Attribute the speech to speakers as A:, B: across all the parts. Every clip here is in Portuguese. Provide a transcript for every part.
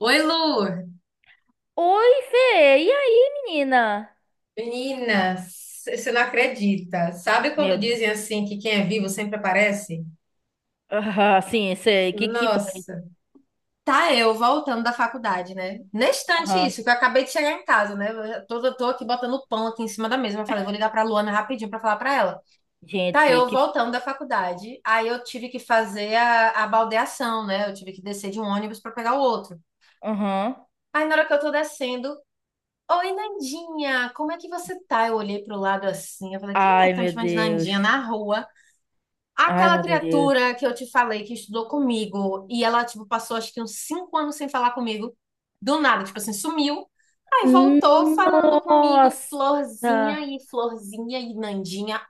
A: Oi, Lu!
B: Oi, Fê. E aí, menina?
A: Meninas, você não acredita. Sabe quando
B: Meu,
A: dizem assim que quem é vivo sempre aparece?
B: ah, sim, sei. Que foi?
A: Nossa, tá eu voltando da faculdade, né? Neste instante
B: Aham.
A: isso, que eu acabei de chegar em casa, né? Eu já tô aqui botando pão aqui em cima da mesa. Eu falei, vou ligar pra Luana rapidinho pra falar pra ela. Tá
B: Gente,
A: eu
B: que
A: voltando da faculdade, aí eu tive que fazer a baldecer de um pra pegar o outro.
B: Aham.
A: Aí tendo, oi, Nandinha, como você. Quem é
B: Ai,
A: que tá me
B: meu
A: chamando
B: Deus.
A: na rua?
B: Ai,
A: Aquela
B: meu Deus.
A: criatura que eu te falei, ia comigo, dormiu.
B: Nossa.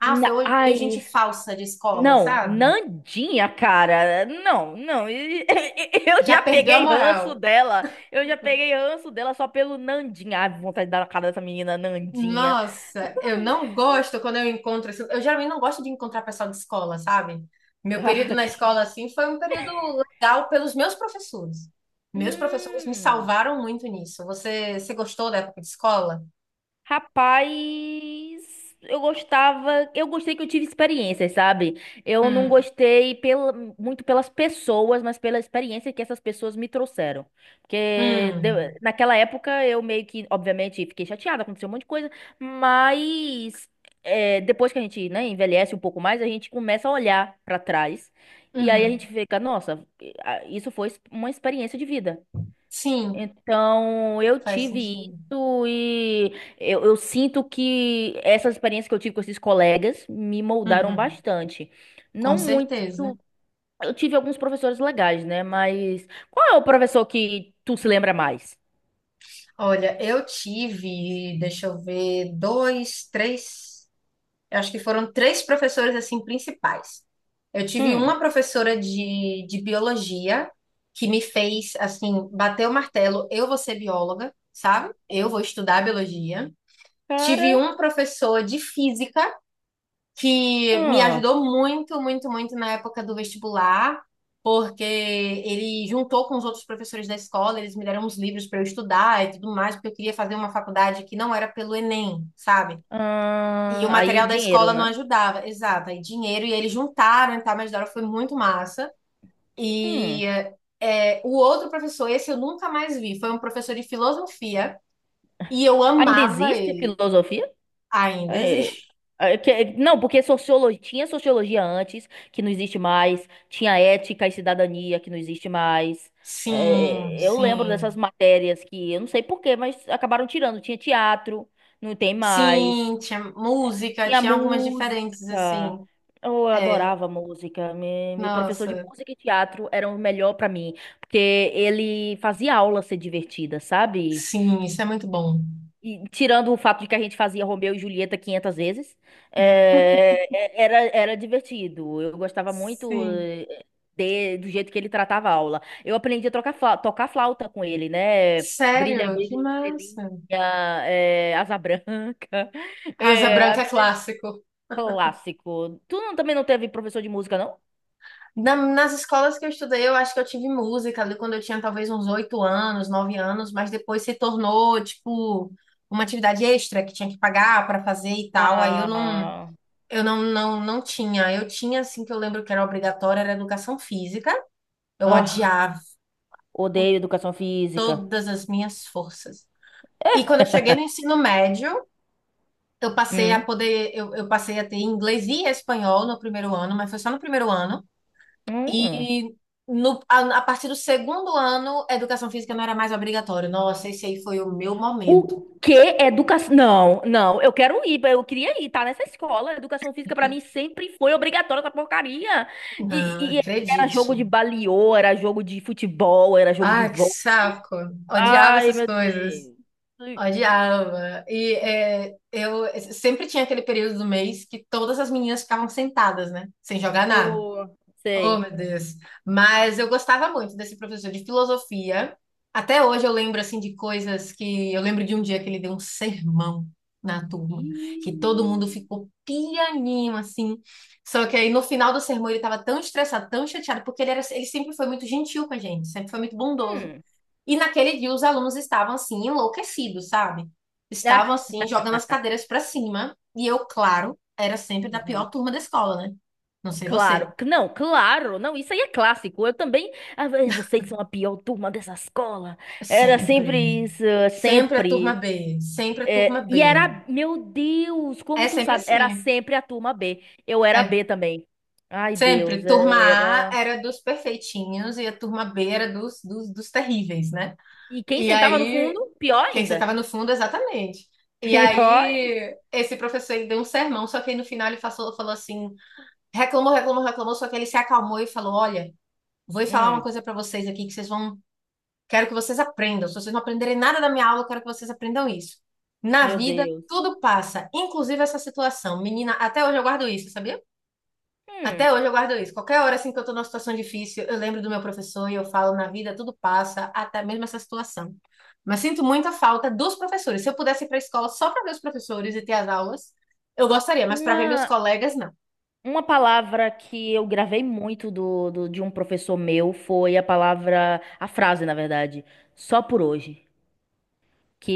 A: Ah, eu odeio gente
B: Ai.
A: falsa de escola,
B: Não,
A: sabe?
B: Nandinha, cara. Não, não. Eu
A: Já
B: já
A: perdeu a
B: peguei
A: moral.
B: ranço dela. Eu já peguei ranço dela só pelo Nandinha. Ai, vontade de dar na cara dessa menina, Nandinha.
A: Nossa, eu não gosto quando eu encontro, assim. Eu geralmente não gosto de encontrar pessoal de escola, sabe? Meu período
B: Ah,
A: na
B: que...
A: escola, assim, foi um período legal pelos meus professores. Meus professores me
B: Hum.
A: salvaram muito nisso. Você gostou da época de escola?
B: Rapaz, eu gostei que eu tive experiências, sabe? Eu não
A: Hum,
B: gostei muito pelas pessoas, mas pela experiência que essas pessoas me trouxeram. Porque
A: hum,
B: naquela época eu meio que, obviamente, fiquei chateada, aconteceu um monte de coisa, mas depois que a gente, né, envelhece um pouco mais, a gente começa a olhar pra trás. E aí a
A: uhum.
B: gente fica, nossa, ah, isso foi uma experiência de vida.
A: Sim,
B: Então, eu
A: faz
B: tive
A: sentido.
B: isso e eu sinto que essa experiência que eu tive com esses colegas me moldaram
A: Uhum,
B: bastante.
A: com
B: Não muito.
A: certeza.
B: Eu tive alguns professores legais, né? Mas qual é o professor que tu se lembra mais?
A: Olha, eu tive, deixa eu ver, dois, três. Eu acho que foram três professoras assim principais. Eu tive
B: Hum,
A: uma professora de biologia que me fez assim bater o martelo, eu vou ser bióloga, sabe? Eu vou estudar biologia. Tive
B: cara.
A: um professor de física que me
B: Hum,
A: ajudou muito, muito, muito na época do vestibular, porque ele juntou com os outros professores da escola, eles me deram uns livros para eu estudar e tudo mais, porque eu queria fazer uma faculdade que não era pelo Enem, sabe? E o
B: aí,
A: material da
B: dinheiro,
A: escola não
B: né?
A: ajudava, exato. Aí dinheiro e eles juntaram e tal, mas Dora foi muito massa.
B: Hum,
A: E o outro professor, esse eu nunca mais vi, foi um professor de filosofia e eu
B: ainda
A: amava
B: existe
A: ele.
B: filosofia?
A: Ainda
B: É,
A: existe.
B: não, porque sociologia, tinha sociologia antes, que não existe mais, tinha ética e cidadania, que não existe mais.
A: Sim,
B: Eu lembro dessas
A: sim.
B: matérias que eu não sei por quê, mas acabaram tirando. Tinha teatro, não tem mais.
A: Sim, tinha música,
B: Tinha
A: tinha algumas diferentes,
B: música.
A: assim.
B: Eu
A: É,
B: adorava música. Meu professor de
A: nossa,
B: música e teatro era o melhor pra mim, porque ele fazia a aula ser divertida, sabe?
A: sim, isso é muito bom.
B: E tirando o fato de que a gente fazia Romeu e Julieta 500 vezes, era divertido. Eu gostava muito
A: Sim.
B: do jeito que ele tratava a aula. Eu aprendi a tocar flauta com ele, né? Brilha,
A: Sério, que
B: brilha, estrelinha,
A: massa.
B: asa branca.
A: Asa
B: É,
A: Branca é
B: apre-
A: clássico.
B: Clássico. Tu não- Também não teve professor de música, não?
A: Nas escolas que eu estudei, eu acho que eu tive música ali quando eu tinha talvez uns 8 anos, 9 anos, mas depois se tornou, tipo, uma atividade extra que tinha que pagar para fazer e tal. Aí eu não,
B: Ah,
A: eu não, não, não tinha. Eu tinha, assim, que eu lembro que era obrigatória, era educação física. Eu
B: ah,
A: odiava
B: odeio educação física.
A: todas as minhas forças. E quando eu cheguei no ensino médio, eu passei a
B: Hum.
A: poder, eu, eu passei a ter inglês e espanhol no primeiro ano, mas foi só no primeiro ano.
B: Hum.
A: E no, a partir do segundo ano, educação física não era mais obrigatório. Nossa, esse aí foi o meu momento.
B: O quê? Educação? Não, não, eu quero ir, eu queria ir, tá nessa escola. Educação física pra mim sempre foi obrigatória essa porcaria.
A: Não,
B: E era jogo
A: acredite.
B: de baliô, era jogo de futebol, era jogo de
A: Ah, que
B: vôlei.
A: saco. Odiava
B: Ai,
A: essas
B: meu
A: coisas.
B: Deus.
A: Odiava. Eu sempre tinha aquele período do mês que todas as meninas ficavam sentadas, né? Sem jogar nada.
B: Oh,
A: Oh,
B: sei.
A: meu Deus. Mas eu gostava muito desse professor de filosofia. Até hoje eu lembro assim de coisas que eu lembro de um dia que ele deu um sermão na turma, que todo
B: Ih,
A: mundo ficou pianinho assim. Só que aí no final do sermão ele estava tão estressado, tão chateado, porque ele sempre foi muito gentil com a gente, sempre foi muito bondoso.
B: hum.
A: E naquele dia os alunos estavam assim enlouquecidos, sabe? Estavam assim jogando as cadeiras para cima, e eu, claro, era sempre da
B: Uhum.
A: pior turma da escola, né? Não sei você.
B: Claro, não, isso aí é clássico. Eu também, ah, vocês são a pior turma dessa escola. Era
A: Sempre.
B: sempre isso,
A: Sempre a turma
B: sempre.
A: B. Sempre a turma
B: E
A: B.
B: era, meu Deus,
A: É
B: como tu
A: sempre
B: sabe, era
A: assim.
B: sempre a turma B. Eu era
A: É.
B: B também. Ai,
A: Sempre.
B: Deus,
A: Turma
B: é,
A: A
B: era.
A: era dos perfeitinhos e a turma B era dos terríveis, né?
B: E quem
A: E
B: sentava no
A: aí,
B: fundo, pior
A: quem você
B: ainda.
A: tava no fundo, exatamente. E
B: Pior.
A: aí, esse professor ele deu um sermão, só que aí no final ele falou assim: reclamou, reclamou, reclamou, só que ele se acalmou e falou: Olha, vou falar uma
B: Hum,
A: coisa pra vocês aqui que vocês vão. Quero que vocês aprendam. Se vocês não aprenderem nada da minha aula, eu quero que vocês aprendam isso. Na
B: meu
A: vida,
B: Deus.
A: tudo passa, inclusive essa situação. Menina, até hoje eu guardo isso, sabia?
B: Hum,
A: Até hoje eu guardo isso. Qualquer hora assim que eu tô numa situação difícil, eu lembro do meu professor e eu falo, na vida tudo passa, até mesmo essa situação. Mas sinto muita falta dos professores. Se eu pudesse ir para a escola só para ver os professores e ter as aulas, eu gostaria, mas para ver meus
B: uma,
A: colegas, não.
B: uma palavra que eu gravei muito de um professor meu foi a palavra, a frase, na verdade, só por hoje.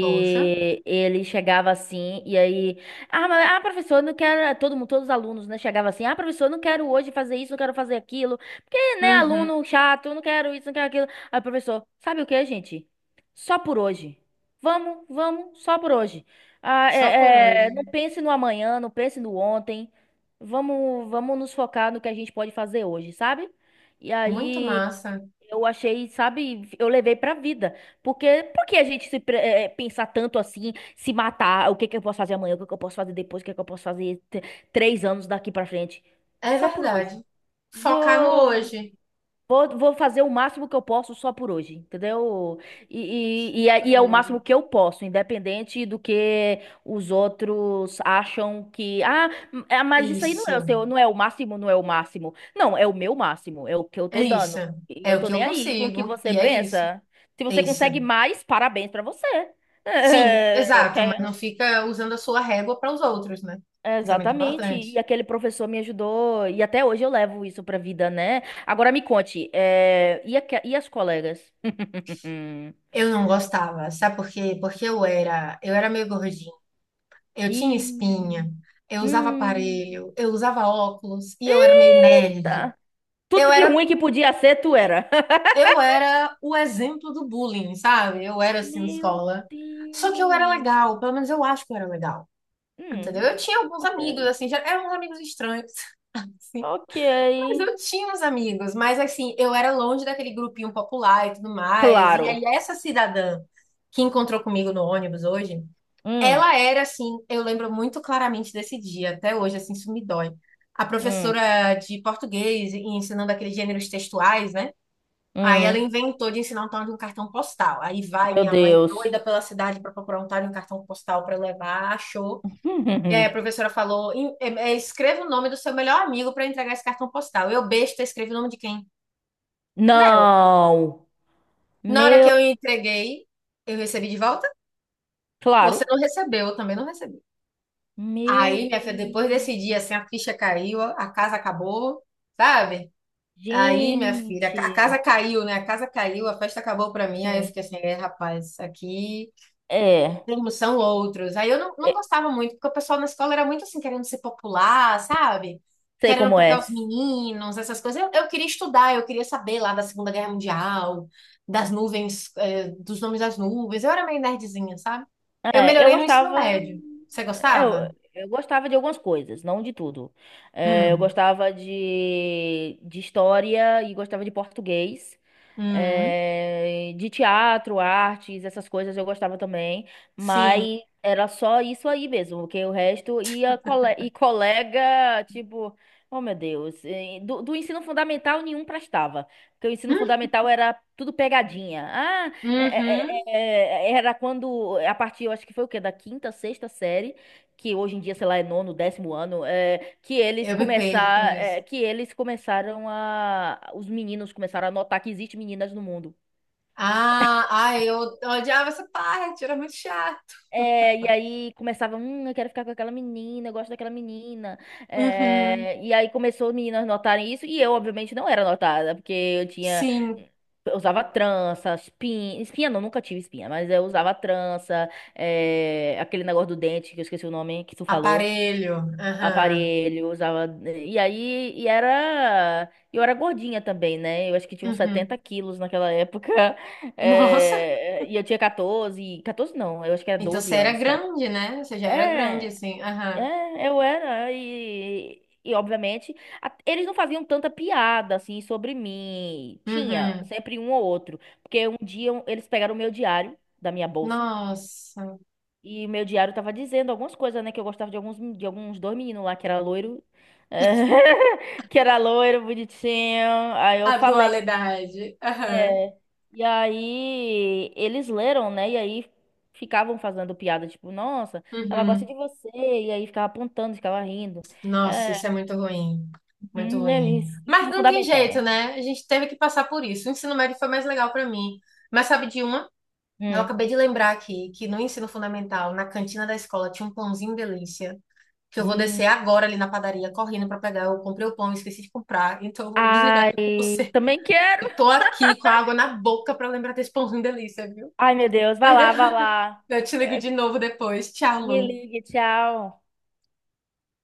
A: Poxa.
B: ele chegava assim e aí, ah, mas, ah, professor, eu não quero, todo mundo, todos os alunos, né, chegava assim, ah, professor, eu não quero hoje fazer isso, não quero fazer aquilo, porque, né,
A: Uhum.
B: aluno chato, eu não quero isso, não quero aquilo. Aí, o professor, sabe o que, gente? Só por hoje. Vamos, vamos, só por hoje. Ah,
A: Só por hoje.
B: não pense no amanhã, não pense no ontem. Vamos, vamos nos focar no que a gente pode fazer hoje, sabe? E
A: Muito
B: aí
A: massa.
B: eu achei, sabe, eu levei pra vida. Porque por que a gente se pre- eh, pensar tanto assim, se matar, o que que eu posso fazer amanhã, o que que eu posso fazer depois, o que que eu posso fazer três anos daqui pra frente?
A: É
B: Só por hoje.
A: verdade. Focar no
B: Vou
A: hoje.
B: vou fazer o máximo que eu posso só por hoje, entendeu? E, e, e é,
A: Por
B: e é o
A: hoje.
B: máximo que eu posso, independente do que os outros acham que. Ah, mas isso aí não é o
A: Isso,
B: seu, não é o máximo, não é o máximo. Não, é o meu máximo, é o que eu tô
A: isso.
B: dando. E
A: É
B: eu
A: o
B: tô
A: que eu
B: nem aí com o que
A: consigo,
B: você
A: e é isso,
B: pensa. Se
A: é
B: você
A: isso.
B: consegue mais, parabéns pra você.
A: Sim,
B: É,
A: exato, mas
B: quer-
A: não fica usando a sua régua para os outros, né? Isso é muito
B: Exatamente,
A: importante.
B: e aquele professor me ajudou, e até hoje eu levo isso pra vida, né? Agora me conte, e as colegas?
A: Eu não gostava, sabe por quê? Porque eu era meio gordinha, eu tinha
B: E.
A: espinha, eu usava
B: Hum.
A: aparelho, eu usava óculos e eu era meio nerd.
B: Eita!
A: Eu
B: Tudo de
A: era,
B: ruim que podia ser, tu era.
A: eu era o exemplo do bullying, sabe? Eu era assim na
B: Meu
A: escola. Só que eu era
B: Deus.
A: legal, pelo menos eu acho que eu era legal. Entendeu?
B: Hum,
A: Eu tinha alguns
B: ok.
A: amigos, assim, já eram uns amigos estranhos. Sim.
B: Ok.
A: Mas eu tinha uns amigos, mas assim, eu era longe daquele grupinho popular e tudo mais. E aí,
B: Claro.
A: essa cidadã que encontrou comigo no ônibus hoje,
B: Hum,
A: ela era assim, eu lembro muito claramente desse dia, até hoje, assim, isso me dói. A
B: hum,
A: professora de português, e ensinando aqueles gêneros textuais, né? Aí ela
B: hum.
A: inventou de ensinar um tal de um cartão postal. Aí vai
B: Meu
A: minha mãe
B: Deus.
A: doida pela cidade para procurar um tal de um cartão postal para levar, achou. E aí a professora falou: Escreva o nome do seu melhor amigo para entregar esse cartão postal. Eu, besta, escrevi o nome de quem? Dela.
B: Não.
A: Na hora que
B: Meu.
A: eu entreguei, eu recebi de volta? Você
B: Claro.
A: não recebeu, eu também não recebi. Aí,
B: Meu
A: minha filha, depois
B: Deus.
A: desse dia, assim, a ficha caiu, a casa acabou, sabe? Aí, minha filha, a
B: Gente,
A: casa caiu, né? A casa caiu, a festa acabou pra mim. Aí eu
B: sim.
A: fiquei assim, rapaz, aqui.
B: É,
A: Sim, são outros. Aí eu não, não
B: é,
A: gostava muito, porque o pessoal na escola era muito assim, querendo ser popular, sabe?
B: Sei
A: Querendo
B: como
A: pegar
B: é.
A: os meninos, essas coisas. Eu queria estudar, eu queria saber lá da Segunda Guerra Mundial, das nuvens, dos nomes das nuvens. Eu era meio nerdzinha, sabe? Eu
B: É, eu
A: melhorei no ensino
B: gostava.
A: médio. Você
B: é, Eu,
A: gostava?
B: eu gostava de algumas coisas, não de tudo. É, eu
A: Hum,
B: gostava de história e gostava de português.
A: hum,
B: É, de teatro, artes, essas coisas eu gostava também.
A: sim.
B: Mas era só isso aí mesmo, porque o resto e colega, tipo, oh meu Deus, do ensino fundamental nenhum prestava. Porque o ensino
A: Hum,
B: fundamental era tudo pegadinha. Ah,
A: uhum.
B: era quando, a partir, eu acho que foi o quê? Da quinta, sexta série, que hoje em dia, sei lá, é nono, décimo ano,
A: Eu me perco nisso.
B: que eles começaram os meninos começaram a notar que existe meninas no mundo.
A: Ah, ai, eu odiava essa parte, era muito chato.
B: E aí começava, eu quero ficar com aquela menina, eu gosto daquela menina.
A: Uhum.
B: E aí começou as meninas notarem isso, e eu, obviamente, não era notada, porque eu tinha.
A: Sim.
B: Eu usava trança, espinha. Espinha não, nunca tive espinha, mas eu usava trança, aquele negócio do dente, que eu esqueci o nome que tu falou.
A: Aparelho. Aham.
B: Aparelho, usava. E aí, e era. Eu era gordinha também, né? Eu acho que tinha uns
A: Uhum.
B: 70 quilos naquela época.
A: Nossa,
B: E eu tinha 14 14 não, eu acho que era
A: então você
B: 12
A: era
B: anos,
A: grande, né? Você já era grande,
B: é,
A: assim. Aham.
B: eu era e obviamente eles não faziam tanta piada assim sobre mim. Tinha
A: Uhum.
B: sempre um ou outro, porque um dia eles pegaram o meu diário da minha bolsa
A: Nossa.
B: e o meu diário tava dizendo algumas coisas, né, que eu gostava de alguns dois meninos lá que era loiro, eh, que era loiro, bonitinho. Aí eu
A: A
B: falei
A: dualidade. Aham.
B: é. E aí eles leram, né? E aí ficavam fazendo piada, tipo, nossa, ela gosta
A: Uhum.
B: de você. E aí ficava apontando, ficava rindo.
A: Nossa,
B: É,
A: isso é muito ruim. Muito
B: né,
A: ruim. Mas
B: ensino
A: não tem jeito,
B: fundamental,
A: né? A gente teve que passar por isso. O ensino médio foi mais legal pra mim. Mas sabe de uma? Eu
B: né?
A: acabei de lembrar aqui que no ensino fundamental, na cantina da escola, tinha um pãozinho delícia. Que eu vou
B: Hum, hum.
A: descer agora ali na padaria correndo para pegar. Eu comprei o pão, esqueci de comprar, então eu vou desligar aqui com
B: Ai,
A: você.
B: também quero.
A: Eu tô aqui com a água na boca para lembrar desse pãozinho delícia, viu?
B: Ai, meu Deus, vai
A: Mas eu
B: lá, vai lá.
A: eu te ligo
B: É,
A: de novo depois. Tchau,
B: Me
A: Lu.
B: ligue, tchau.